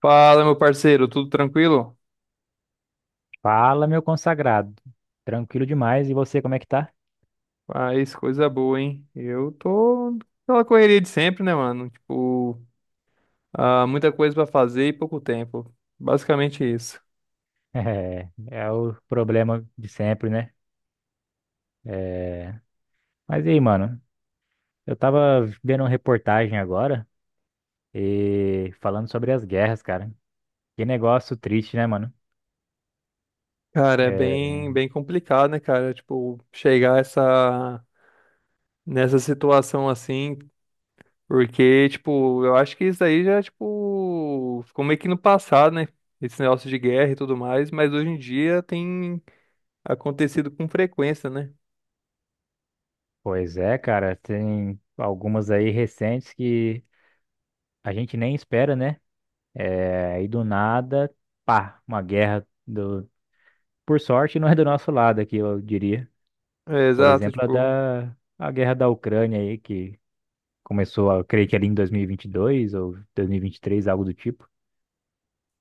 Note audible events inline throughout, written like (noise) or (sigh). Fala, meu parceiro, tudo tranquilo? Fala, meu consagrado. Tranquilo demais. E você, como é que tá? (laughs) Faz coisa boa, hein? Eu tô naquela correria de sempre, né, mano? Tipo, muita coisa pra fazer e pouco tempo. Basicamente isso. É o problema de sempre, né? É... Mas e aí, mano? Eu tava vendo uma reportagem agora e falando sobre as guerras, cara. Que negócio triste, né, mano? Cara, é É. bem complicado, né, cara? Tipo, chegar essa, nessa situação assim, porque, tipo, eu acho que isso aí já, tipo, ficou meio que no passado, né? Esse negócio de guerra e tudo mais, mas hoje em dia tem acontecido com frequência, né? Pois é, cara. Tem algumas aí recentes que a gente nem espera, né? É. E do nada, pá, por sorte, não é do nosso lado aqui, eu diria. É, Por exato, exemplo, a tipo. da a guerra da Ucrânia aí, que começou, creio que ali em 2022 ou 2023, algo do tipo.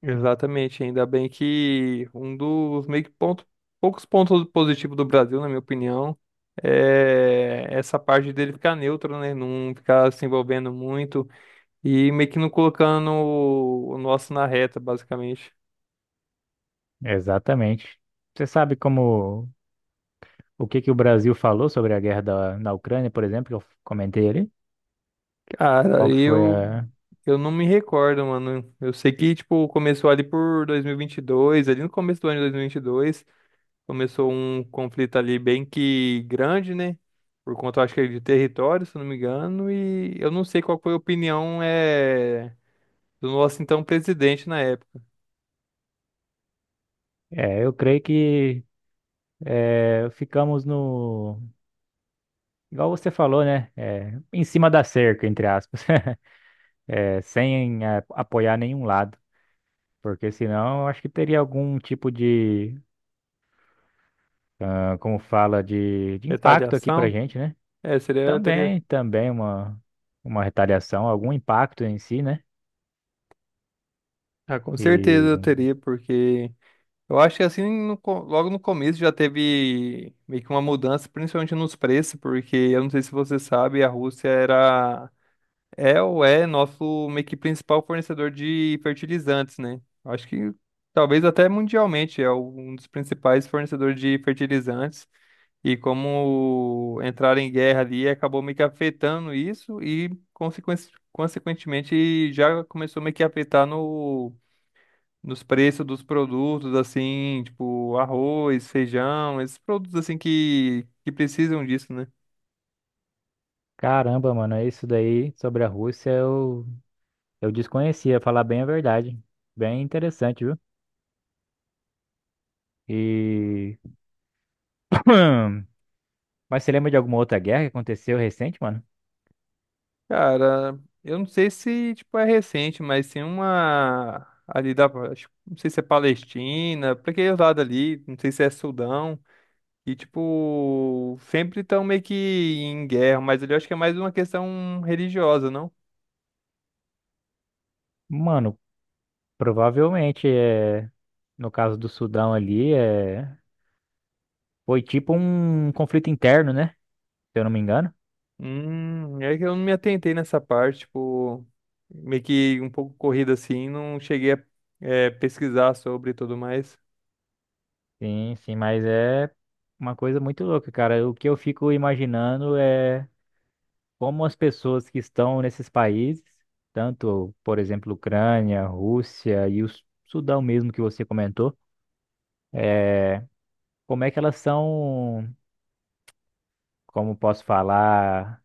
Exatamente, ainda bem que um dos meio que ponto, poucos pontos positivos do Brasil, na minha opinião, é essa parte dele ficar neutro, né? Não ficar se envolvendo muito e meio que não colocando o nosso na reta, basicamente. Exatamente. Você sabe como o que que o Brasil falou sobre a na Ucrânia, por exemplo, que eu comentei ali? Cara, Qual que foi eu a... eu não me recordo, mano. Eu sei que tipo começou ali por 2022, ali no começo do ano de 2022. Começou um conflito ali bem que grande, né? Por conta, acho que é de território, se não me engano, e eu não sei qual foi a opinião do nosso então presidente na época. É, eu creio que ficamos no... Igual você falou, né? É, em cima da cerca, entre aspas. (laughs) É, sem apoiar nenhum lado. Porque senão eu acho que teria algum tipo de ah, como fala de impacto aqui pra Retaliação? gente, né? É, seria, eu teria. Também uma retaliação, algum impacto em si, né? Ah, com certeza E eu teria, porque eu acho que assim, logo no começo já teve meio que uma mudança, principalmente nos preços, porque eu não sei se você sabe, a Rússia era É ou é nosso meio que principal fornecedor de fertilizantes, né? Acho que talvez até mundialmente é um dos principais fornecedores de fertilizantes. E como entraram em guerra ali, acabou meio que afetando isso e, consequentemente, já começou meio que a afetar no, nos preços dos produtos, assim, tipo arroz, feijão, esses produtos assim que precisam disso, né? caramba, mano, isso daí sobre a Rússia eu desconhecia, falar bem a verdade. Bem interessante, viu? E. (clears throat) Mas você lembra de alguma outra guerra que aconteceu recente, mano? Cara, eu não sei se, tipo, é recente, mas tem uma ali da, não sei se é Palestina, pra aquele lado ali, não sei se é Sudão, e, tipo, sempre estão meio que em guerra, mas ali eu acho que é mais uma questão religiosa, não? Mano, provavelmente é. No caso do Sudão ali, é... foi tipo um conflito interno, né? Se eu não me engano. É que eu não me atentei nessa parte, tipo, meio que um pouco corrida assim, não cheguei a, pesquisar sobre e tudo mais. Sim, mas é uma coisa muito louca, cara. O que eu fico imaginando é como as pessoas que estão nesses países, tanto, por exemplo, Ucrânia, Rússia e o Sudão mesmo que você comentou, é, como é que elas são, como posso falar,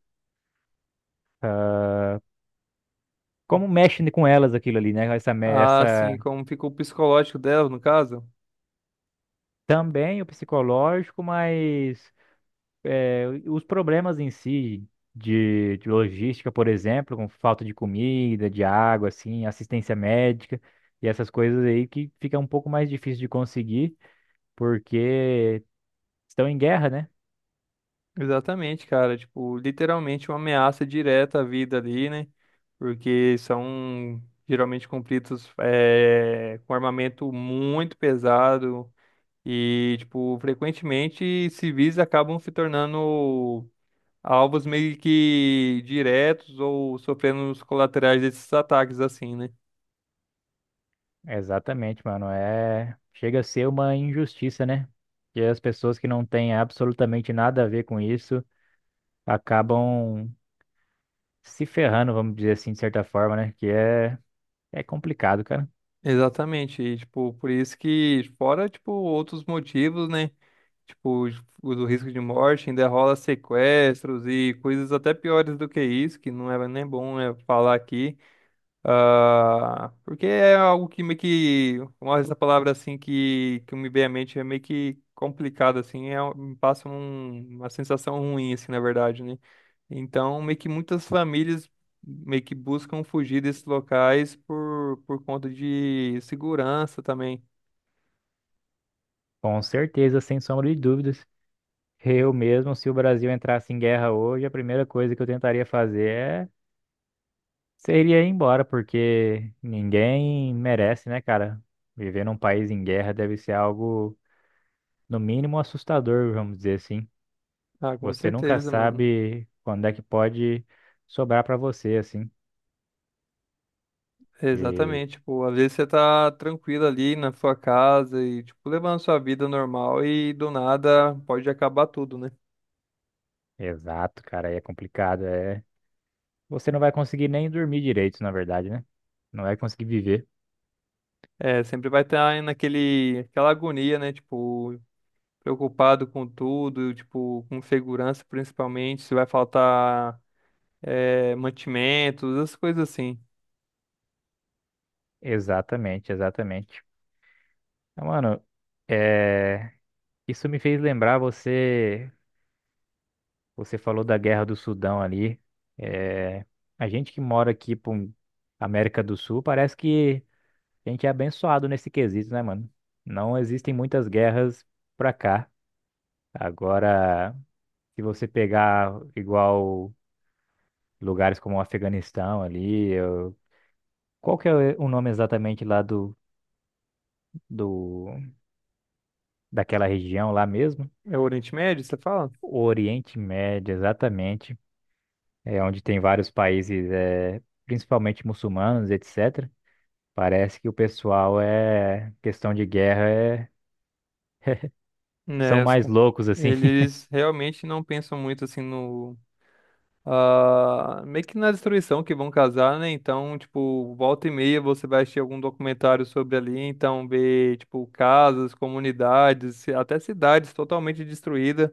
como mexe com elas aquilo ali, né? Essa, Ah, essa sim, como ficou o psicológico dela, no caso? também o psicológico, mas é, os problemas em si de logística, por exemplo, com falta de comida, de água, assim, assistência médica e essas coisas aí que fica um pouco mais difícil de conseguir porque estão em guerra, né? Exatamente, cara. Tipo, literalmente uma ameaça direta à vida ali, né? Porque são geralmente conflitos com armamento muito pesado e, tipo, frequentemente civis acabam se tornando alvos meio que diretos ou sofrendo os colaterais desses ataques, assim, né? Exatamente, mano. É, chega a ser uma injustiça, né? Que as pessoas que não têm absolutamente nada a ver com isso acabam se ferrando, vamos dizer assim, de certa forma, né? É complicado, cara. Exatamente. E, tipo, por isso que, fora, tipo, outros motivos, né? Tipo, o do risco de morte ainda rola sequestros e coisas até piores do que isso, que não é nem bom falar aqui. Ah, porque é algo que meio que, uma essa palavra assim que me vem à mente é meio que complicado, assim, é, me passa uma sensação ruim, assim, na verdade, né? Então, meio que muitas famílias meio que buscam fugir desses locais por conta de segurança também. Com certeza, sem sombra de dúvidas. Eu mesmo, se o Brasil entrasse em guerra hoje, a primeira coisa que eu tentaria fazer seria ir embora, porque ninguém merece, né, cara? Viver num país em guerra deve ser algo, no mínimo, assustador, vamos dizer assim. Ah, com Você nunca certeza, mano. sabe quando é que pode sobrar pra você, assim. E Exatamente, tipo, às vezes você tá tranquilo ali na sua casa e, tipo, levando sua vida normal e do nada pode acabar tudo, né? exato, cara, aí é complicado, é. Você não vai conseguir nem dormir direito, na verdade, né? Não vai conseguir viver. É, sempre vai estar naquele, aquela agonia, né? Tipo, preocupado com tudo, tipo, com segurança principalmente, se vai faltar, mantimentos, essas coisas assim. Exatamente. Então, mano, é. Isso me fez lembrar você falou da Guerra do Sudão ali. É, a gente que mora aqui pra América do Sul, parece que a gente é abençoado nesse quesito, né, mano? Não existem muitas guerras pra cá. Agora, se você pegar igual lugares como o Afeganistão ali, qual que é o nome exatamente lá do, do daquela região lá mesmo? É o Oriente Médio, você fala? O Oriente Médio, exatamente. É, onde tem vários países, é, principalmente muçulmanos, etc. Parece que o pessoal é questão de guerra, é, são Né, os mais ca- loucos assim. (laughs) Eles realmente não pensam muito assim no meio que na destruição que vão casar, né? Então, tipo, volta e meia você vai assistir algum documentário sobre ali, então ver, tipo, casas, comunidades, até cidades totalmente destruídas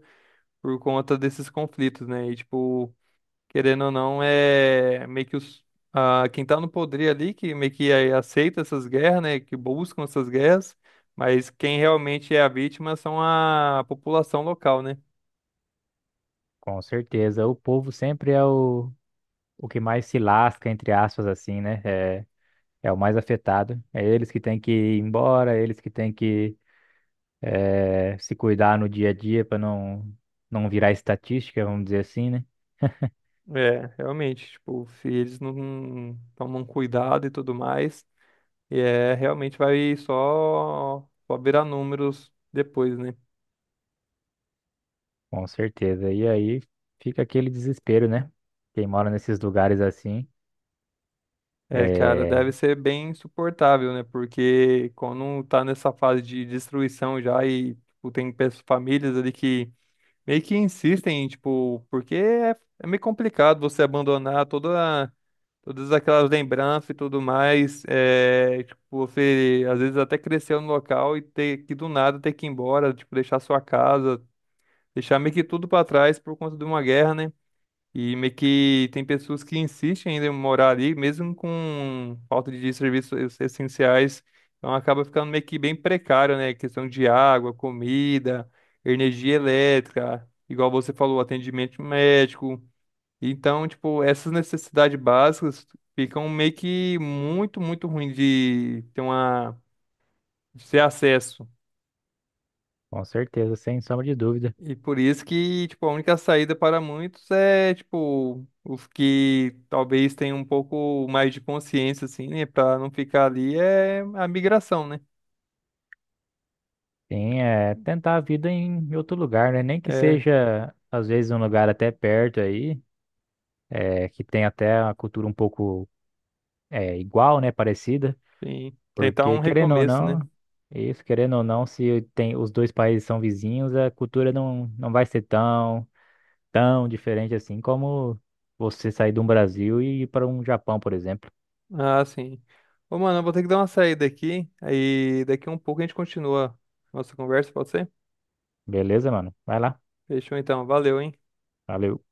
por conta desses conflitos, né? E, tipo, querendo ou não, é meio que os, quem tá no poder ali, que meio que aceita essas guerras, né? Que buscam essas guerras, mas quem realmente é a vítima são a população local, né? Com certeza, o povo sempre é o que mais se lasca, entre aspas, assim, né? É, é o mais afetado. É eles que têm que ir embora, eles que têm que é, se cuidar no dia a dia para não virar estatística, vamos dizer assim, né? É, realmente, tipo, se eles não tomam cuidado e tudo mais, é, realmente vai só, só virar números depois, né? Com certeza. E aí fica aquele desespero, né? Quem mora nesses lugares assim. É, cara, É. deve ser bem insuportável, né? Porque quando tá nessa fase de destruição já e tipo, tem famílias ali que meio que insistem, tipo, porque é, é meio complicado você abandonar toda, todas aquelas lembranças e tudo mais. É, tipo, você às vezes até cresceu no local e ter que do nada ter que ir embora, tipo, deixar sua casa, deixar meio que tudo pra trás por conta de uma guerra, né? E meio que tem pessoas que insistem ainda em morar ali, mesmo com falta de serviços essenciais. Então acaba ficando meio que bem precário, né? Questão de água, comida, energia elétrica, igual você falou, atendimento médico. Então, tipo, essas necessidades básicas ficam meio que muito ruim de ter uma, de ter acesso. Com certeza, sem sombra de dúvida. E por isso que, tipo, a única saída para muitos é, tipo, os que talvez tenham um pouco mais de consciência, assim, né, para não ficar ali, é a migração, né? Sim, é tentar a vida em outro lugar, né? Nem que É, seja, às vezes, um lugar até perto aí, é, que tem até uma cultura um pouco é, igual, né? Parecida. sim, tentar um Porque, querendo ou recomeço, né? não, isso, querendo ou não, se tem, os dois países são vizinhos, a cultura não vai ser tão, tão diferente assim como você sair do Brasil e ir para um Japão, por exemplo. Ah, sim. Ô, mano, eu vou ter que dar uma saída aqui, aí daqui a um pouco a gente continua nossa conversa, pode ser? Beleza, mano? Vai lá. Fechou então, valeu, hein? Valeu.